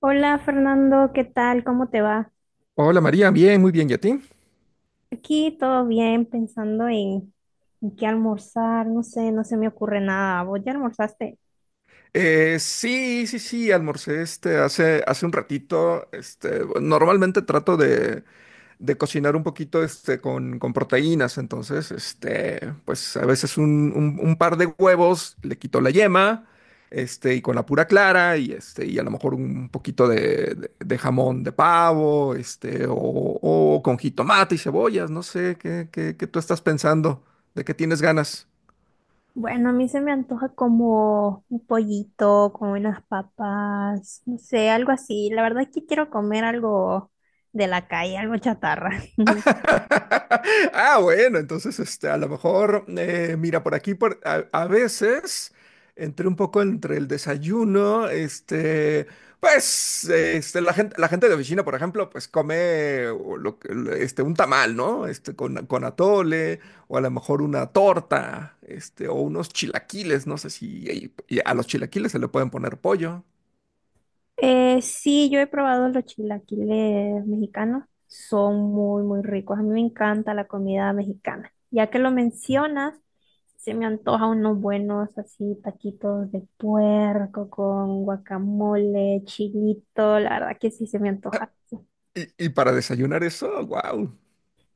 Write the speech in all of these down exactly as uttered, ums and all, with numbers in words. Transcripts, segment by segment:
Hola Fernando, ¿qué tal? ¿Cómo te va? Hola María, bien, muy bien, ¿y a ti? Aquí todo bien, pensando en, en qué almorzar, no sé, no se me ocurre nada. ¿Vos ya almorzaste? Eh, sí, sí, sí, almorcé este hace, hace un ratito. Este, normalmente trato de, de cocinar un poquito este, con, con proteínas, entonces, este, pues a veces un, un- un par de huevos, le quito la yema, este, y con la pura clara, y este, y a lo mejor un poquito de, de- de jamón de pavo, este, o, o con jitomate y cebollas, no sé, ¿qué, qué, qué tú estás pensando? ¿De qué tienes ganas? Bueno, a mí se me antoja como un pollito, como unas papas, no sé, algo así. La verdad es que quiero comer algo de la calle, algo chatarra. Ah, bueno, entonces este, a lo mejor, eh, mira, por aquí por, a, a veces entre un poco entre el desayuno, este, pues este, la gente, la gente de oficina, por ejemplo, pues come o lo que- este, un tamal, ¿no? Este, con, con atole, o a lo mejor una torta, este, o unos chilaquiles, no sé si y- y a los chilaquiles se le pueden poner pollo. Eh, sí, yo he probado los chilaquiles mexicanos. Son muy, muy ricos. A mí me encanta la comida mexicana. Ya que lo mencionas, se me antoja unos buenos así taquitos de puerco con guacamole, chilito. La verdad que sí se me antoja. Y, y para desayunar eso, wow.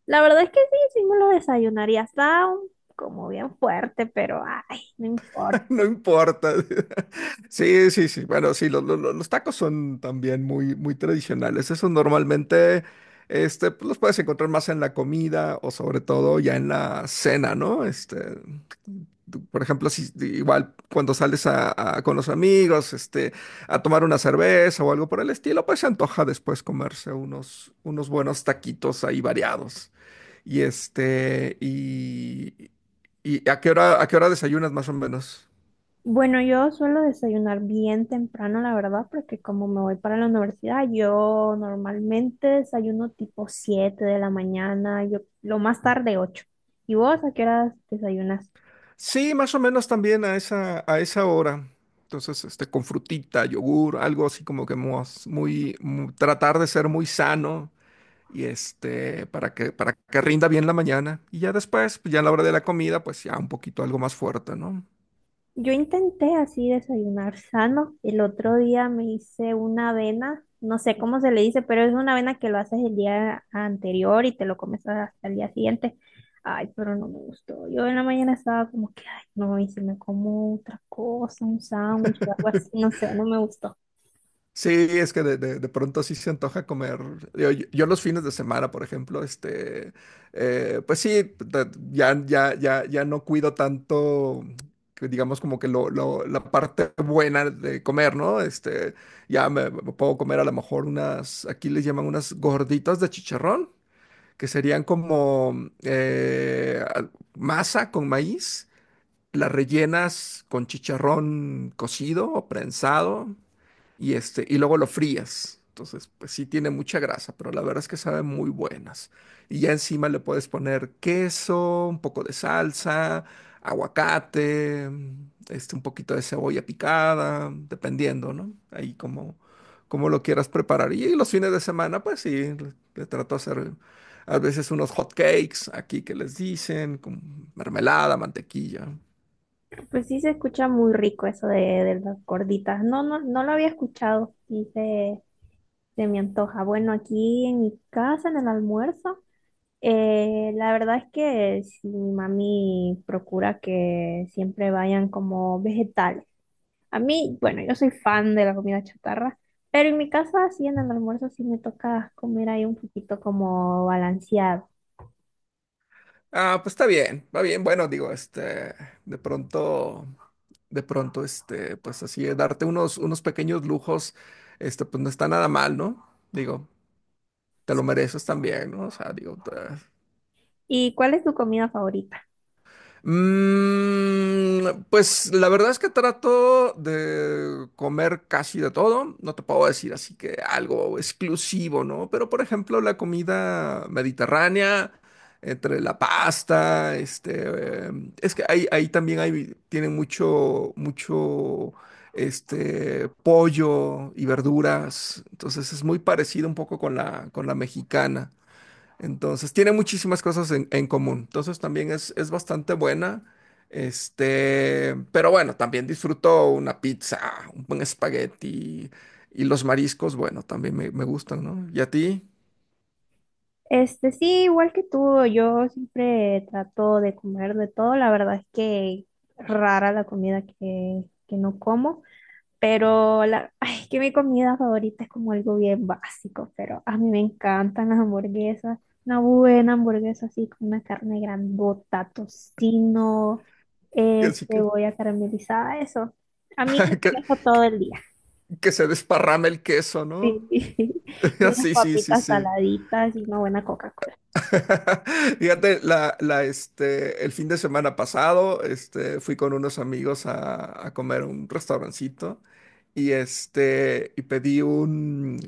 La verdad es que sí, sí me lo desayunaría. Está un- como bien fuerte, pero ay, no importa. No importa. Sí, sí, sí. Bueno, sí, los, los- los tacos son también muy, muy tradicionales. Eso normalmente, este, pues, los puedes encontrar más en la comida o sobre todo ya en la cena, ¿no? Este, tú, por ejemplo, si igual cuando sales a, a- con los amigos, este, a tomar una cerveza o algo por el estilo, pues se antoja después comerse unos, unos buenos taquitos ahí variados. Y este, y, y ¿A qué hora, a qué hora desayunas más o menos? Bueno, yo suelo desayunar bien temprano, la verdad, porque como me voy para la universidad, yo normalmente desayuno tipo siete de la mañana, yo lo más tarde ocho. ¿Y vos a qué horas desayunas? Sí, más o menos también a esa, a esa hora. Entonces, este, con frutita, yogur, algo así como que mos- muy, mu- tratar de ser muy sano y este, para que, para que rinda bien la mañana. Y ya después, pues ya a la hora de la comida, pues ya un poquito algo más fuerte, ¿no? Yo intenté así desayunar sano. El otro día me hice una avena, no sé cómo se le dice, pero es una avena que lo haces el día anterior y te lo comes hasta el día siguiente. Ay, pero no me gustó. Yo en la mañana estaba como que, ay, no, y si me como otra cosa, un sándwich o algo así, no sé, no me gustó. Sí, es que de, de- de pronto sí se antoja comer. Yo, yo- yo los fines de semana, por ejemplo, este, eh, pues sí, ta- ya, ya, ya, ya no cuido tanto, que digamos, como que lo, lo- la parte buena de comer, ¿no? Este, ya me, me puedo comer a lo mejor unas, aquí les llaman unas gorditas de chicharrón, que serían como eh, al- masa con maíz, las rellenas con chicharrón cocido o prensado, y este, y luego lo frías. Entonces, pues sí tiene mucha grasa, pero la verdad es que saben muy buenas. Y ya encima le puedes poner queso, un poco de salsa, aguacate, este, un poquito de cebolla picada, dependiendo, ¿no? Ahí como, como lo quieras preparar. Y los fines de semana, pues sí, le, le trato de hacer a veces unos hot cakes aquí que les dicen, con mermelada, mantequilla. Pues sí se escucha muy rico eso de, de las gorditas. No, no, no lo había escuchado y se, se me antoja. Bueno, aquí en mi casa, en el almuerzo. Eh, la verdad es que sí, mi mami procura que siempre vayan como vegetales. A mí, bueno, yo soy fan de la comida chatarra, pero en mi casa sí en el almuerzo sí me toca comer ahí un poquito como balanceado. Ah, pues está bien, va bien. Bueno, digo, este, de pronto, de pronto, este, pues así, eh, darte unos, unos pequeños lujos, este, pues no está nada mal, ¿no? Digo, te lo mereces también, ¿no? O sea, digo, te- ¿Y cuál es tu comida favorita? Mm, pues la verdad es que trato de comer casi de todo. No te puedo decir así que algo exclusivo, ¿no? Pero por ejemplo, la comida mediterránea, entre la pasta, este, eh, es que ahí, ahí también hay, tienen mucho, mucho, este, pollo y verduras. Entonces es muy parecido un poco con la, con la mexicana. Entonces, tiene muchísimas cosas en, en común. Entonces, también es, es bastante buena. Este, pero bueno, también disfruto una pizza, un buen espagueti y los mariscos, bueno, también me, me gustan, ¿no? ¿Y a ti? Este, sí, igual que tú, yo siempre trato de comer de todo. La verdad es que rara la comida que, que no como. Pero la, ay, es que mi comida favorita es como algo bien básico, pero a mí me encantan las hamburguesas. Una buena hamburguesa así con una carne grandota, tocino, Y eh, así que, cebolla caramelizada, eso. A mí me que, tengo eso todo el día. que se desparrame el queso, Sí, ¿no? sí. Y unas Sí, sí, sí, papitas sí. saladitas y una buena coca. Fíjate, la, la, este, el fin de semana pasado, este, fui con unos amigos a, a comer a un restaurancito y este, y pedí un.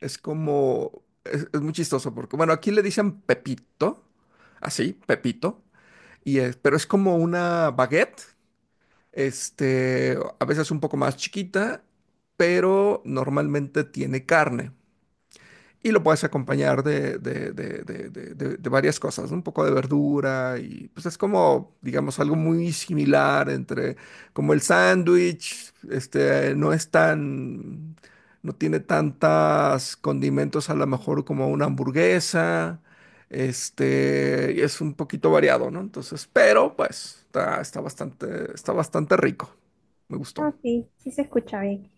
Es como, es, es muy chistoso porque, bueno, aquí le dicen Pepito, así, Pepito, y es, pero es como una baguette, este, a veces un poco más chiquita, pero normalmente tiene carne. Y lo puedes acompañar de, de- de- de- de- de- de- varias cosas, ¿no? Un poco de verdura y pues es como, digamos, algo muy similar entre como el sándwich, este, no es tan, no tiene tantas condimentos a lo mejor como una hamburguesa, este, y es un poquito variado, ¿no? Entonces, pero pues está, está bastante, está bastante rico, me gustó. Ah, sí, sí se escucha bien.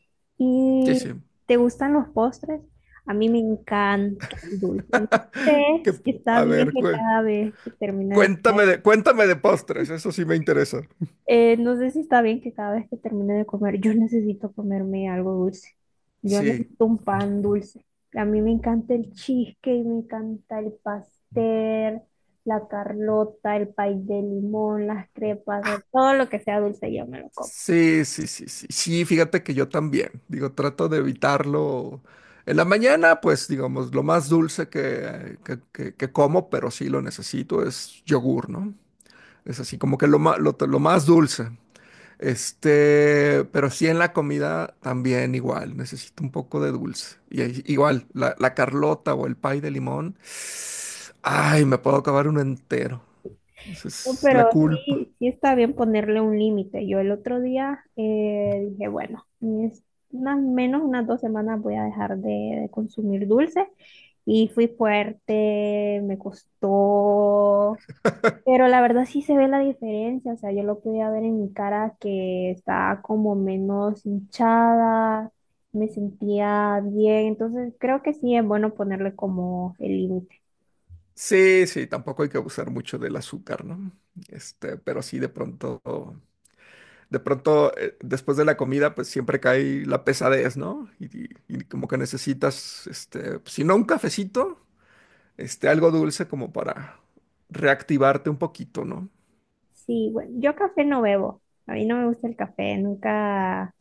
Sí, ¿Y sí. te gustan los postres? A mí me encanta el dulce. No sé Que- si está a bien ver, que cué- cada vez que termine de comer, Cuéntame de, cuéntame de postres, eso sí me interesa. eh, no sé si está bien que cada vez que termine de comer, yo necesito comerme algo dulce. Yo Sí, necesito un pan dulce. A mí me encanta el cheesecake, me encanta el pastel, la carlota, el pay de limón, las crepas, todo lo que sea dulce, yo me lo como. sí, sí, sí, sí, sí, fíjate que yo también, digo, trato de evitarlo. En la mañana, pues, digamos, lo más dulce que, que, que- que como, pero sí lo necesito, es yogur, ¿no? Es así como que lo, ma- lo, lo más dulce. Este, pero sí en la comida también igual, necesito un poco de dulce. Y ahí igual, la, la carlota o el pay de limón, ay, me puedo acabar uno entero. Esa No, es la pero culpa. sí, sí está bien ponerle un límite. Yo el otro día eh, dije, bueno, es unas menos unas dos semanas voy a dejar de, de consumir dulce. Y fui fuerte, me costó. Pero la verdad sí se ve la diferencia. O sea, yo lo podía ver en mi cara que estaba como menos hinchada, me sentía bien. Entonces creo que sí es bueno ponerle como el límite. Sí, sí, tampoco hay que abusar mucho del azúcar, ¿no? Este, pero sí de pronto, de pronto, eh, después de la comida, pues siempre cae la pesadez, ¿no? Y, y- y como que necesitas, este, pues, si no un cafecito, este, algo dulce como para reactivarte un poquito, ¿no? Sí, bueno, yo café no bebo. A mí no me gusta el café, nunca.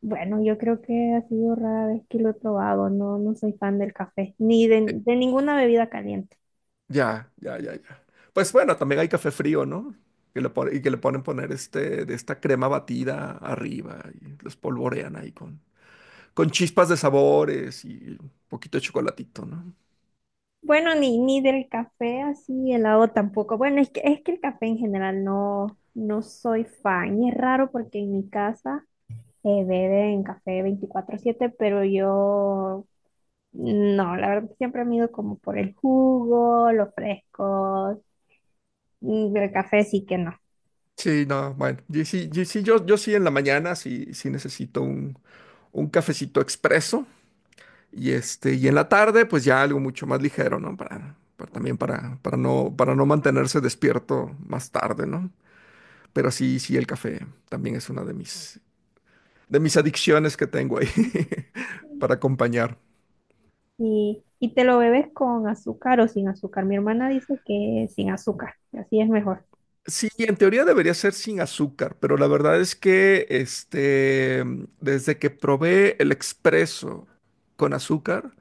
Bueno, yo creo que ha sido rara vez que lo he probado. No, no soy fan del café, ni de, Eh, de ninguna bebida caliente. ya, ya, ya, ya. Pues bueno, también hay café frío, ¿no? Que le pon- y que le ponen poner este, de esta crema batida arriba y los polvorean ahí con, con chispas de sabores y un poquito de chocolatito, ¿no? Bueno, ni, ni del café así helado tampoco. Bueno, es que, es que el café en general no, no soy fan. Y es raro porque en mi casa eh, beben café veinticuatro siete, pero yo no, la verdad siempre me he ido como por el jugo, los frescos, mm, el café sí que no. Sí, no, bueno, y sí, y sí, yo, yo sí en la mañana sí, sí necesito un, un cafecito expreso y este, y en la tarde pues ya algo mucho más ligero, ¿no? Para, para también para, para no, para no mantenerse despierto más tarde, ¿no? Pero sí, sí, el café también es una de mis, de mis, adicciones que tengo ahí para acompañar. Y, y te lo bebes con azúcar o sin azúcar. Mi hermana dice que sin azúcar, que así es mejor. Sí, en teoría debería ser sin azúcar, pero la verdad es que este, mm, desde que probé el expreso con azúcar,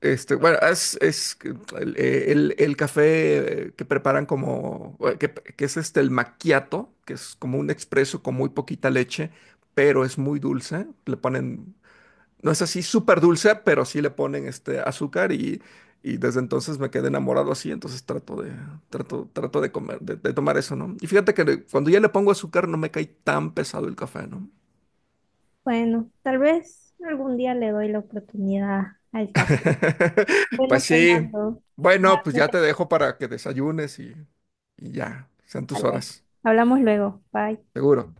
este, bueno, es, es que mm, el, eh, el- el café eh, que preparan como, eh, que, que es este, el macchiato, que es como un expreso con muy poquita leche, pero es muy dulce, le ponen no es así súper dulce, pero sí le ponen este azúcar y, y desde entonces me quedé enamorado así, entonces trato de, trato, trato de comer, de, de tomar eso, ¿no? Y fíjate que le- cuando ya le pongo azúcar no me cae tan pesado el café, ¿no? Bueno, tal vez algún día le doy la oportunidad al café. Pues Bueno, sí. Fernando, ya Bueno, pues me ya te tengo dejo para que desayunes y, y ya, que sean tus salir. horas, Hablamos luego. Bye. seguro.